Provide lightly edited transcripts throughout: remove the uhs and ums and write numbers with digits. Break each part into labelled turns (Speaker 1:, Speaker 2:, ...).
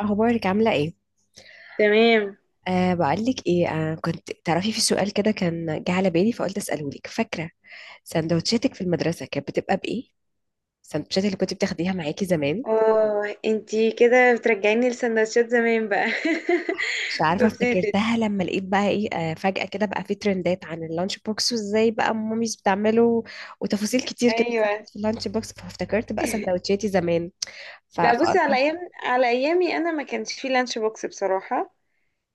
Speaker 1: اخبارك عامله ايه؟
Speaker 2: تمام.
Speaker 1: بقولك ايه، كنت تعرفي في سؤال كده كان جه على بالي فقلت اساله لك. فاكره سندوتشاتك في المدرسه كانت بتبقى بايه؟ السندوتشات اللي كنت بتاخديها معاكي زمان؟
Speaker 2: اه انتي كده بترجعيني لسندوتشات زمان بقى.
Speaker 1: مش عارفه،
Speaker 2: بصي يا ستي.
Speaker 1: افتكرتها لما لقيت بقى ايه فجاه كده بقى في ترندات عن اللانش بوكس وازاي بقى ماميز بتعمله، وتفاصيل كتير كده
Speaker 2: ايوه.
Speaker 1: ظهرت في اللانش بوكس، فافتكرت بقى سندوتشاتي زمان. ف-
Speaker 2: لا، بصي
Speaker 1: فقلت
Speaker 2: على ايامي انا ما كانش في لانش بوكس بصراحه.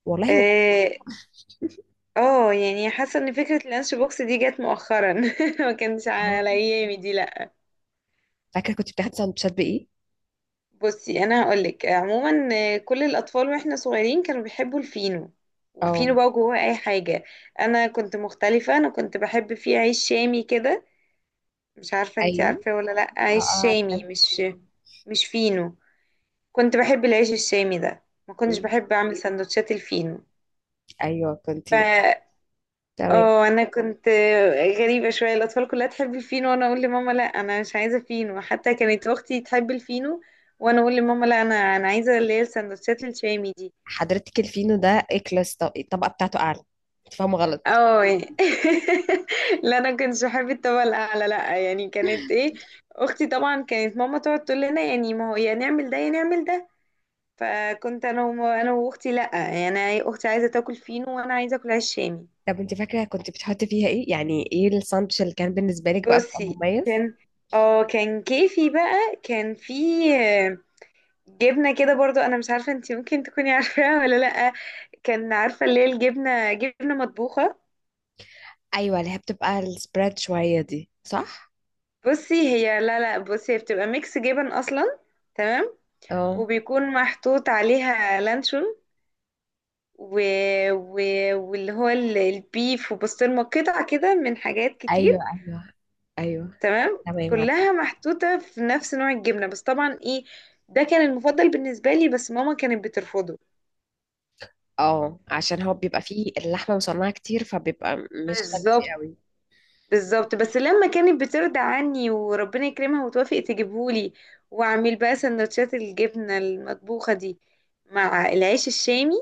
Speaker 1: والله ولا.
Speaker 2: اه. يعني حاسه ان فكره اللانش بوكس دي جت مؤخرا. ما كانش
Speaker 1: اه،
Speaker 2: على ايامي دي، لا.
Speaker 1: فاكره كنت بتاخدي سندوتشات بايه؟
Speaker 2: بصي انا هقولك عموما. كل الاطفال واحنا صغيرين كانوا بيحبوا الفينو، وفينو
Speaker 1: اه،
Speaker 2: بقى جواه اي حاجه. انا كنت مختلفه، انا كنت بحب فيه عيش شامي كده. مش عارفة انتي
Speaker 1: ايوه.
Speaker 2: عارفاه ولا لأ؟
Speaker 1: اه،
Speaker 2: عيش شامي،
Speaker 1: عارفه.
Speaker 2: مش، مش فينو. كنت بحب العيش الشامي ده، ما كنتش
Speaker 1: أمم،
Speaker 2: بحب أعمل سندوتشات الفينو.
Speaker 1: ايوه،
Speaker 2: ف
Speaker 1: كنتي. تمام.
Speaker 2: اه انا كنت غريبة شوية. الأطفال كلها تحب الفينو وانا اقول لماما لا انا مش عايزة فينو، حتى كانت اختي تحب الفينو وانا اقول لماما لا، انا عايزة اللي هي السندوتشات الشامي دي.
Speaker 1: حضرتك الفينو ده اكلس، الطبقه بتاعته اعلى، انت فاهمه غلط.
Speaker 2: اه يعني. لا، انا كنتش بحب الطبقة الأعلى، لا يعني، كانت ايه اختي. طبعا كانت ماما تقعد تقول لنا يعني، ما هو يا نعمل ده يا نعمل ده، فكنت انا انا واختي، لا يعني، أنا إيه، اختي عايزه تاكل فينو وانا عايزه اكل عيش شامي.
Speaker 1: طب انت فاكره كنت بتحطي فيها ايه؟ يعني ايه الساندوتش اللي كان بالنسبه لك بقى بيبقى
Speaker 2: بصي،
Speaker 1: مميز؟
Speaker 2: كان اه كان كيفي بقى، كان في آه، جبنه كده برضو، انا مش عارفه انتي ممكن تكوني عارفاها ولا لا. كان عارفه اللي هي الجبنه، جبنه مطبوخه.
Speaker 1: ايوه، اللي هي بتبقى السبريد شويه دي، صح؟
Speaker 2: بصي هي، لا لا، بصي هي بتبقى ميكس جبن اصلا. تمام.
Speaker 1: اه،
Speaker 2: وبيكون محطوط عليها لانشون و... و... واللي هو البيف وبسطرمه، قطع كده، من حاجات
Speaker 1: ايوه،
Speaker 2: كتير.
Speaker 1: ايوه، ايوه.
Speaker 2: تمام،
Speaker 1: تمام، عارفه.
Speaker 2: كلها محطوطة في نفس نوع الجبنة، بس طبعا ايه. ده كان المفضل بالنسبة لي، بس ماما كانت بترفضه.
Speaker 1: اه، عشان هو بيبقى فيه اللحمه مصنعه كتير، فبيبقى مش فانسي
Speaker 2: بالظبط،
Speaker 1: قوي.
Speaker 2: بالظبط. بس لما كانت بترضى عني وربنا يكرمها وتوافق تجيبهولي، واعمل بقى سندوتشات الجبنة المطبوخة دي مع العيش الشامي،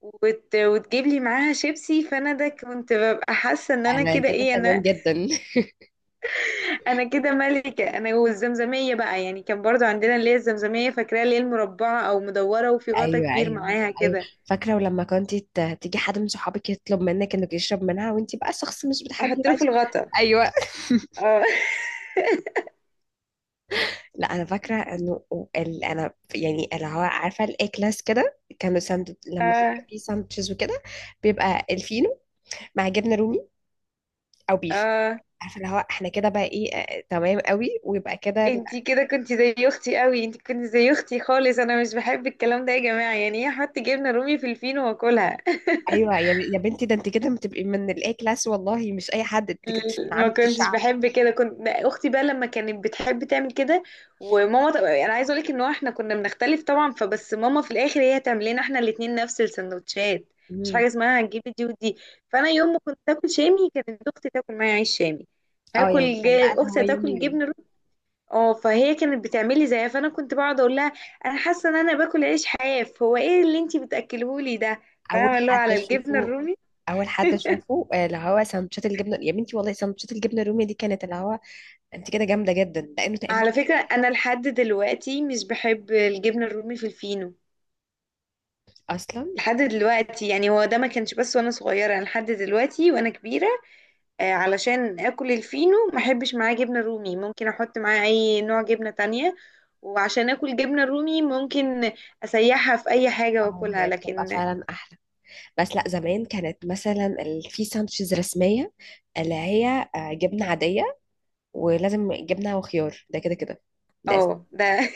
Speaker 2: وتجيب لي معاها شيبسي، فانا ده كنت ببقى حاسة ان انا
Speaker 1: انا
Speaker 2: كده
Speaker 1: كده
Speaker 2: ايه،
Speaker 1: تمام
Speaker 2: انا
Speaker 1: جدا.
Speaker 2: انا كده ملكة. انا والزمزمية بقى، يعني كان برضو عندنا اللي هي الزمزمية، فاكراها؟ اللي هي المربعة او مدورة وفي غطا
Speaker 1: ايوه،
Speaker 2: كبير
Speaker 1: ايوه،
Speaker 2: معاها
Speaker 1: ايوه.
Speaker 2: كده.
Speaker 1: فاكره ولما كنت تيجي حد من صحابك يطلب منك انك يشرب منها وانت بقى شخص مش بتحبي
Speaker 2: احط له
Speaker 1: بقى.
Speaker 2: في الغطا.
Speaker 1: ايوه.
Speaker 2: اه
Speaker 1: لا انا فاكره انه انا يعني اللي هو عارفه الاي كلاس كده، كانوا ساند لما
Speaker 2: اه.
Speaker 1: بيبقى فيه ساندوتشز وكده، بيبقى الفينو مع جبنه رومي او بيف.
Speaker 2: اه،
Speaker 1: عارفه اللي هو احنا كده بقى ايه، تمام قوي، ويبقى كده
Speaker 2: انتي كده كنتي زي اختي قوي، انتي كنتي زي اختي خالص. انا مش بحب الكلام ده يا جماعة، يعني ايه احط جبنة رومي في الفينو واكلها؟
Speaker 1: ايوه. يا بنتي، ده انت كده بتبقي من الاي كلاس والله، مش اي حد، انت كده مش من
Speaker 2: ما
Speaker 1: عامه
Speaker 2: كنتش
Speaker 1: الشعب.
Speaker 2: بحب كده، كنت اختي بقى لما كانت بتحب تعمل كده. وماما انا عايزه اقولك ان هو احنا كنا بنختلف طبعا، فبس ماما في الاخر هي تعمل لنا احنا الاتنين نفس السندوتشات. مش
Speaker 1: مم.
Speaker 2: حاجه اسمها هنجيب دي ودي. فانا يوم ما كنت اكل شامي كانت اختي تاكل معايا عيش شامي.
Speaker 1: اه يعني كان بقى اللي هو
Speaker 2: اختي
Speaker 1: يوم
Speaker 2: تاكل
Speaker 1: يوم.
Speaker 2: جبن روت. اه، فهي كانت بتعمل لي زيها، فانا كنت بقعد اقول لها، انا حاسه ان انا باكل عيش حاف، هو ايه اللي انتي بتاكلهولي ده؟
Speaker 1: اول
Speaker 2: فاهمه؟ اللي هو
Speaker 1: حد
Speaker 2: على الجبنه
Speaker 1: اشوفه،
Speaker 2: الرومي.
Speaker 1: اول حد اشوفه اللي هو سندوتشات الجبنه. يا بنتي والله سندوتشات الجبنه الرومي دي كانت اللي هو، انت كده جامده جدا، لانه تقريبا
Speaker 2: على فكرة أنا لحد دلوقتي مش بحب الجبنة الرومي في الفينو.
Speaker 1: اصلا.
Speaker 2: لحد دلوقتي، يعني هو ده ما كانش بس وأنا صغيرة، أنا لحد دلوقتي وأنا كبيرة. علشان آكل الفينو ما أحبش معاه جبنة رومي، ممكن أحط معاه أي نوع جبنة تانية. وعشان آكل جبنة رومي، ممكن أسيحها في أي حاجة
Speaker 1: اه،
Speaker 2: وآكلها،
Speaker 1: هي بتبقى
Speaker 2: لكن.
Speaker 1: فعلا احلى، بس لا زمان كانت مثلا في ساندوتشز رسميه اللي هي جبنه عاديه، ولازم جبنه وخيار، ده كده كده. ده
Speaker 2: اه
Speaker 1: أس-
Speaker 2: ده.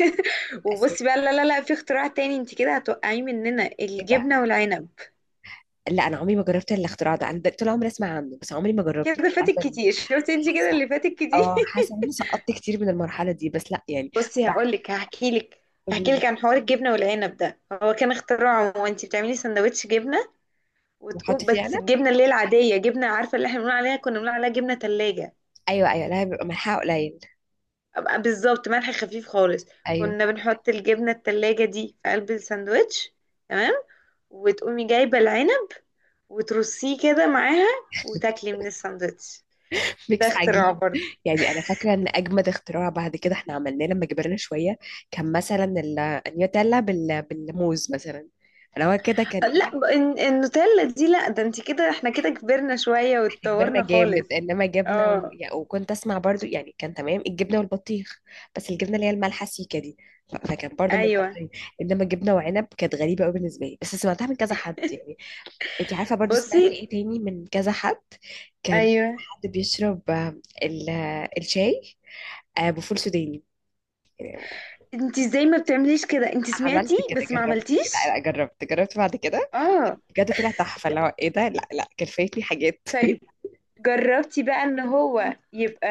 Speaker 1: اساسي.
Speaker 2: وبصي بقى، لا لا لا، في اختراع تاني انت كده هتوقعيه مننا،
Speaker 1: إيه بقى؟
Speaker 2: الجبنة والعنب.
Speaker 1: لا انا عمري ما جربت الاختراع ده، انا طول عمري اسمع عنه بس عمري ما جربته،
Speaker 2: كده
Speaker 1: مش
Speaker 2: فاتك
Speaker 1: عارفه ليه.
Speaker 2: كتير، شفتي انت كده
Speaker 1: حاسه،
Speaker 2: اللي فاتك كتير.
Speaker 1: اه حاسه ان انا سقطت كتير من المرحله دي، بس لا يعني.
Speaker 2: بصي
Speaker 1: بعد،
Speaker 2: هقول لك، هحكي لك
Speaker 1: قولي
Speaker 2: هحكي
Speaker 1: لي.
Speaker 2: لك عن حوار الجبنه والعنب ده. هو كان اختراعه، وانت بتعملي سندوتش جبنه،
Speaker 1: وحط
Speaker 2: وتقوم
Speaker 1: فيه
Speaker 2: بس
Speaker 1: عنب؟
Speaker 2: الجبنه اللي هي العاديه، جبنه، عارفه اللي احنا بنقول عليها، كنا بنقول عليها جبنه تلاجة.
Speaker 1: ايوه، ايوه، لا بيبقى ملحها قليل.
Speaker 2: أبقى بالظبط، ملح خفيف خالص.
Speaker 1: ايوه.
Speaker 2: كنا بنحط الجبنه التلاجة دي في قلب الساندوتش، تمام، وتقومي جايبه العنب وترصيه كده معاها وتاكلي من الساندوتش. ده
Speaker 1: ميكس
Speaker 2: اختراع
Speaker 1: عجيب.
Speaker 2: برضه.
Speaker 1: يعني انا فاكره ان اجمد اختراع بعد كده احنا عملناه لما كبرنا شويه، كان مثلا النيوتيلا بالموز مثلا. انا هو كده كان
Speaker 2: لا،
Speaker 1: ايه.
Speaker 2: النوتيلا دي، لا، ده انت كده، احنا كده كبرنا شويه
Speaker 1: احنا كبرنا
Speaker 2: واتطورنا
Speaker 1: جامد.
Speaker 2: خالص.
Speaker 1: انما جبنه و...
Speaker 2: اه.
Speaker 1: يعني وكنت اسمع برضو يعني كان تمام الجبنه والبطيخ، بس الجبنه اللي هي المالحه سيكه دي، فكان برضو
Speaker 2: ايوه.
Speaker 1: منطقي. انما جبنه وعنب كانت غريبه قوي بالنسبه لي، بس سمعتها من كذا حد يعني. انت عارفه برضو
Speaker 2: بصي.
Speaker 1: سمعت ايه تاني من كذا حد؟ كان
Speaker 2: ايوه.
Speaker 1: حد بيشرب الشاي بفول سوداني.
Speaker 2: انت ازاي ما بتعمليش كده؟ انت
Speaker 1: عملت
Speaker 2: سمعتي
Speaker 1: كده،
Speaker 2: بس ما
Speaker 1: جربت، لا
Speaker 2: عملتيش.
Speaker 1: لا جربت، جربت بعد كده،
Speaker 2: اه.
Speaker 1: بجد طلع تحفة اللي هو ايه ده، لا لا كان فايتني حاجات.
Speaker 2: طيب، جربتي بقى ان هو يبقى،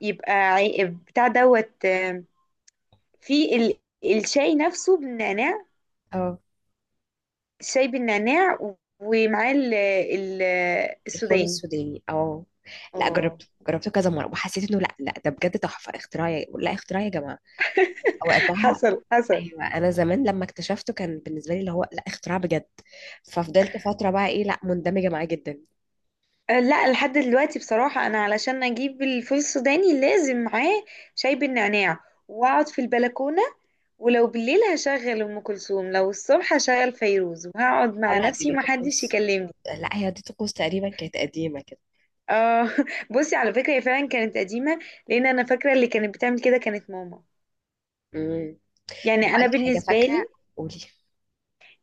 Speaker 2: بتاع دوت في الشاي نفسه بالنعناع.
Speaker 1: اه،
Speaker 2: الشاي بالنعناع ومعاه
Speaker 1: الفول
Speaker 2: السوداني.
Speaker 1: السوداني. اه، لا
Speaker 2: اه،
Speaker 1: جربته، جربته كذا مرة وحسيت انه لا لا ده بجد تحفة اختراع لا اختراع يا جماعة وقتها.
Speaker 2: حصل حصل.
Speaker 1: ايوه، انا زمان لما اكتشفته كان بالنسبة لي اللي هو لا اختراع بجد، ففضلت فترة بقى ايه لا مندمجة معاه جدا.
Speaker 2: لا، لحد دلوقتي بصراحة انا علشان اجيب الفول السوداني لازم معاه شاي بالنعناع، واقعد في البلكونة، ولو بالليل هشغل ام كلثوم، لو الصبح هشغل فيروز، وهقعد
Speaker 1: اه،
Speaker 2: مع
Speaker 1: لا دي
Speaker 2: نفسي
Speaker 1: ليه
Speaker 2: ومحدش
Speaker 1: طقوس،
Speaker 2: يكلمني.
Speaker 1: لا هي دي طقوس تقريبا كانت قديمة كده.
Speaker 2: اه بصي على فكرة هي فعلا كانت قديمة، لان انا فاكرة اللي كانت بتعمل كده كانت ماما.
Speaker 1: امم.
Speaker 2: يعني انا
Speaker 1: هقولك حاجة
Speaker 2: بالنسبة
Speaker 1: فاكرة،
Speaker 2: لي
Speaker 1: قولي.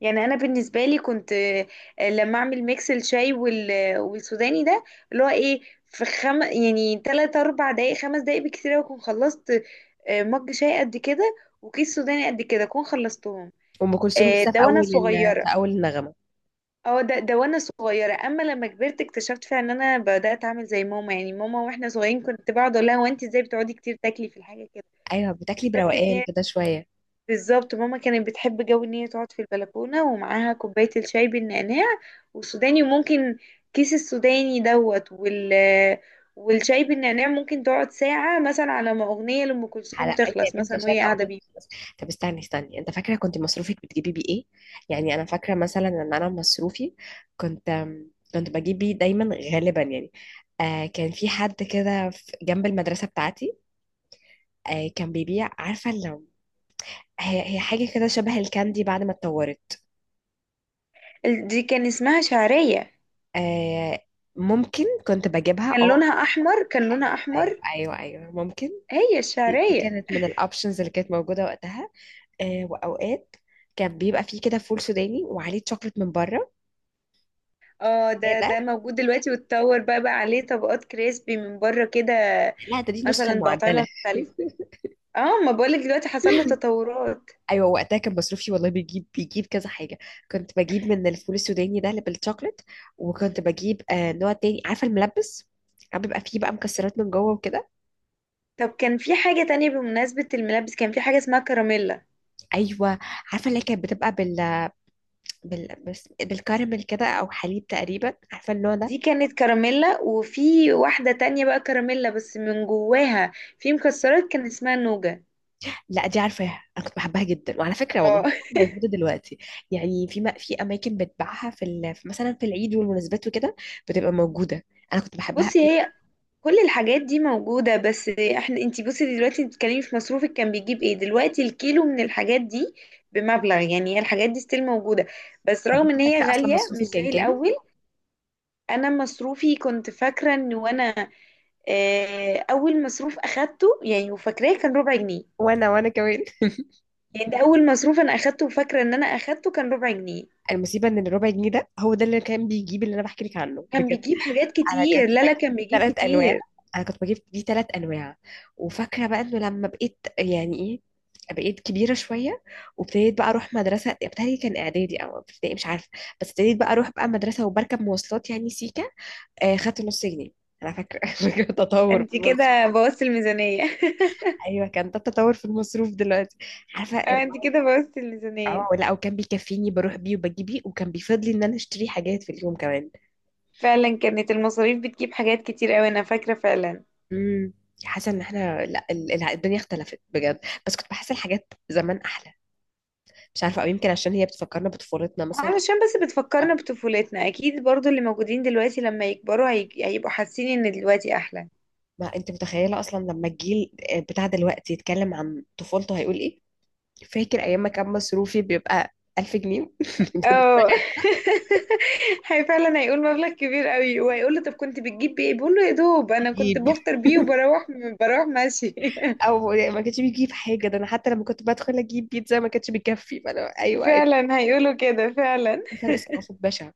Speaker 2: يعني انا بالنسبة لي كنت، لما اعمل ميكس الشاي والسوداني ده، اللي هو ايه، في يعني 3 4 دقايق 5 دقايق بكتير أوي اكون خلصت. مج شاي قد كده وكيس سوداني قد كده اكون خلصتهم.
Speaker 1: أم كلثوم لسه
Speaker 2: ده
Speaker 1: في
Speaker 2: وانا
Speaker 1: أول في
Speaker 2: صغيرة.
Speaker 1: أول النغمة.
Speaker 2: اه، ده وانا صغيره. اما لما كبرت اكتشفت فعلا ان انا بدات اعمل زي ماما، يعني ماما واحنا صغيرين كنت بقعد اقول لها، هو انت ازاي بتقعدي كتير تاكلي في الحاجه كده؟
Speaker 1: ايوه، بتاكلي
Speaker 2: اكتشفت ان
Speaker 1: بروقان
Speaker 2: هي
Speaker 1: كده شويه.
Speaker 2: بالظبط ماما كانت بتحب جو ان هي تقعد في البلكونه ومعاها كوبايه الشاي بالنعناع والسوداني، وممكن كيس السوداني دوت والشاي بالنعناع ممكن تقعد ساعه مثلا على ما اغنيه لام
Speaker 1: على،
Speaker 2: كلثوم
Speaker 1: ايوه
Speaker 2: تخلص
Speaker 1: يا بنتي
Speaker 2: مثلا
Speaker 1: عشان
Speaker 2: وهي قاعده
Speaker 1: الاغنيه
Speaker 2: بيه.
Speaker 1: تخلص. طب استني استني، انت فاكره كنت مصروفك بتجيبي بيه ايه؟ يعني انا فاكره مثلا ان انا مصروفي كنت كنت بجيب بيه دايما غالبا يعني. آه كان في حد كده جنب المدرسه بتاعتي، آه كان بيبيع، عارفه لو، هي هي حاجه كده شبه الكاندي بعد ما اتطورت.
Speaker 2: دي كان اسمها شعريه.
Speaker 1: آه، ممكن كنت بجيبها،
Speaker 2: كان
Speaker 1: اه.
Speaker 2: لونها احمر، كان لونها
Speaker 1: ايوه، ايوه،
Speaker 2: احمر.
Speaker 1: ايوه، ايوه، ممكن.
Speaker 2: هي
Speaker 1: دي
Speaker 2: الشعريه.
Speaker 1: كانت من الاوبشنز اللي كانت موجوده وقتها. آه، واوقات كان بيبقى فيه كده فول سوداني وعليه شوكليت من بره.
Speaker 2: اه،
Speaker 1: ايه
Speaker 2: ده
Speaker 1: ده؟
Speaker 2: موجود دلوقتي، واتطور بقى، عليه طبقات كريسبي من بره كده
Speaker 1: لا ده دي النسخه
Speaker 2: مثلا بأطعمة
Speaker 1: المعدله.
Speaker 2: مختلفة. اه، ما بقولك دلوقتي حصل له تطورات.
Speaker 1: ايوه، وقتها كان مصروفي والله بيجيب كذا حاجه. كنت بجيب من الفول السوداني ده اللي بالشوكليت، وكنت بجيب آه نوع تاني، عارفه الملبس، عم بيبقى فيه بقى مكسرات من جوه وكده.
Speaker 2: طب كان في حاجة تانية، بمناسبة الملابس كان في حاجة اسمها كراميلا.
Speaker 1: ايوه عارفه، اللي هي كانت بتبقى بالكراميل كده او حليب تقريبا، عارفه النوع ده.
Speaker 2: دي كانت كراميلا، وفي واحدة تانية بقى كراميلا، بس من جواها في مكسرات كان اسمها نوجا.
Speaker 1: لا دي عارفاها، انا كنت بحبها جدا، وعلى فكره والله
Speaker 2: اه.
Speaker 1: موجوده دلوقتي. يعني في اماكن بتباعها في مثلا في العيد والمناسبات وكده بتبقى موجوده. انا كنت بحبها
Speaker 2: بصي
Speaker 1: قوي.
Speaker 2: هي كل الحاجات دي موجودة، بس احنا، انتي بصي دلوقتي بتتكلمي في مصروفك كان بيجيب ايه، دلوقتي الكيلو من الحاجات دي بمبلغ، يعني هي الحاجات دي ستيل موجودة، بس
Speaker 1: طب
Speaker 2: رغم
Speaker 1: انت
Speaker 2: ان هي
Speaker 1: فاكره اصلا
Speaker 2: غالية
Speaker 1: مصروفي
Speaker 2: مش
Speaker 1: كان
Speaker 2: زي
Speaker 1: كام؟
Speaker 2: الأول. انا مصروفي كنت فاكرة ان وانا، اه، اول مصروف اخدته يعني وفاكراه كان ربع جنيه.
Speaker 1: وانا، وانا كمان.
Speaker 2: يعني ده اول مصروف انا اخدته وفاكرة ان انا اخدته كان ربع جنيه.
Speaker 1: المصيبه ان الربع جنيه ده هو ده اللي كان بيجيب اللي انا بحكي لك عنه
Speaker 2: كان
Speaker 1: بجد.
Speaker 2: بيجيب حاجات
Speaker 1: انا
Speaker 2: كتير،
Speaker 1: كنت
Speaker 2: لا لا،
Speaker 1: بجيب
Speaker 2: كان
Speaker 1: دي
Speaker 2: بيجيب
Speaker 1: ثلاث انواع
Speaker 2: كتير.
Speaker 1: انا كنت بجيب دي ثلاث انواع. وفاكره بقى انه لما بقيت يعني ايه، بقيت كبيره شويه، وابتديت بقى اروح مدرسه ابتدائي، كان اعدادي او ابتدائي مش عارفه، بس ابتديت بقى اروح بقى مدرسه وبركب مواصلات يعني سيكه، آه خدت نص جنيه انا فاكره. فاكره تطور في
Speaker 2: انتي
Speaker 1: المصروف.
Speaker 2: كده بوظتي الميزانية.
Speaker 1: ايوه كان ده التطور في المصروف دلوقتي. عارفه
Speaker 2: اه، انتي كده بوظتي
Speaker 1: اه،
Speaker 2: الميزانية.
Speaker 1: لا وكان بيكفيني، بروح بيه وبجيب بيه، وكان بيفضلي ان انا اشتري حاجات في اليوم كمان.
Speaker 2: فعلا كانت المصاريف بتجيب حاجات كتير قوي، انا فاكرة فعلا.
Speaker 1: امم. حاسه ان احنا لا، الدنيا اختلفت بجد. بس كنت بحس الحاجات زمان احلى، مش عارفه، او يمكن عشان هي بتفكرنا بطفولتنا مثلا.
Speaker 2: علشان بس بتفكرنا
Speaker 1: اه،
Speaker 2: بطفولتنا اكيد، برضو اللي موجودين دلوقتي لما يكبروا هيبقوا حاسين ان دلوقتي احلى.
Speaker 1: ما انت متخيله اصلا لما الجيل بتاع دلوقتي يتكلم عن طفولته هيقول ايه. فاكر ايام ما كان مصروفي بيبقى 1000 جنيه ده.
Speaker 2: اه.
Speaker 1: تخيل.
Speaker 2: هي فعلا هيقول مبلغ كبير قوي، وهيقول له طب كنت بتجيب بيه إيه؟ بيقول له يا دوب انا كنت
Speaker 1: بيجيب
Speaker 2: بفطر بيه وبروح ماشي.
Speaker 1: او ما كانش بيجيب حاجه، ده انا حتى لما كنت بدخل اجيب بيتزا ما كانش بيكفي، فانا ايوه،
Speaker 2: فعلا هيقولوا كده فعلا.
Speaker 1: في فرق ثقافه بشع.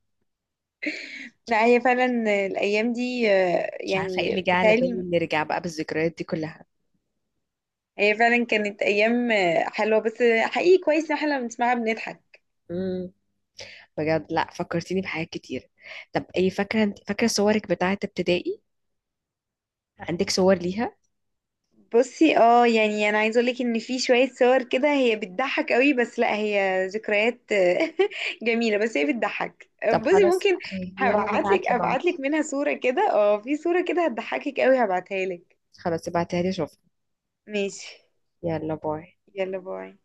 Speaker 2: لا هي فعلا الايام دي
Speaker 1: مش عارفه ايه اللي
Speaker 2: يعني
Speaker 1: جه على بالي
Speaker 2: بتالي.
Speaker 1: نرجع بقى بالذكريات دي
Speaker 2: هي فعلا كانت ايام حلوة بس حقيقي كويس ان احنا لما بنسمعها بنضحك.
Speaker 1: كلها، بجد لا فكرتيني بحاجات كتير. طب ايه، فاكره انت فاكره صورك بتاعه ابتدائي؟ عندك صور ليها؟
Speaker 2: بصي، اه يعني انا عايزه اقولك ان في شويه صور كده هي بتضحك قوي، بس لا هي ذكريات جميله، بس هي بتضحك.
Speaker 1: طب
Speaker 2: بصي
Speaker 1: خلاص
Speaker 2: ممكن،
Speaker 1: يلا نبعت لبعض.
Speaker 2: ابعتلك منها صوره كده، اه في صوره كده هتضحكك قوي هبعتها لك.
Speaker 1: خلاص ابعتها لي اشوفها.
Speaker 2: ماشي.
Speaker 1: يلا باي.
Speaker 2: يلا باي.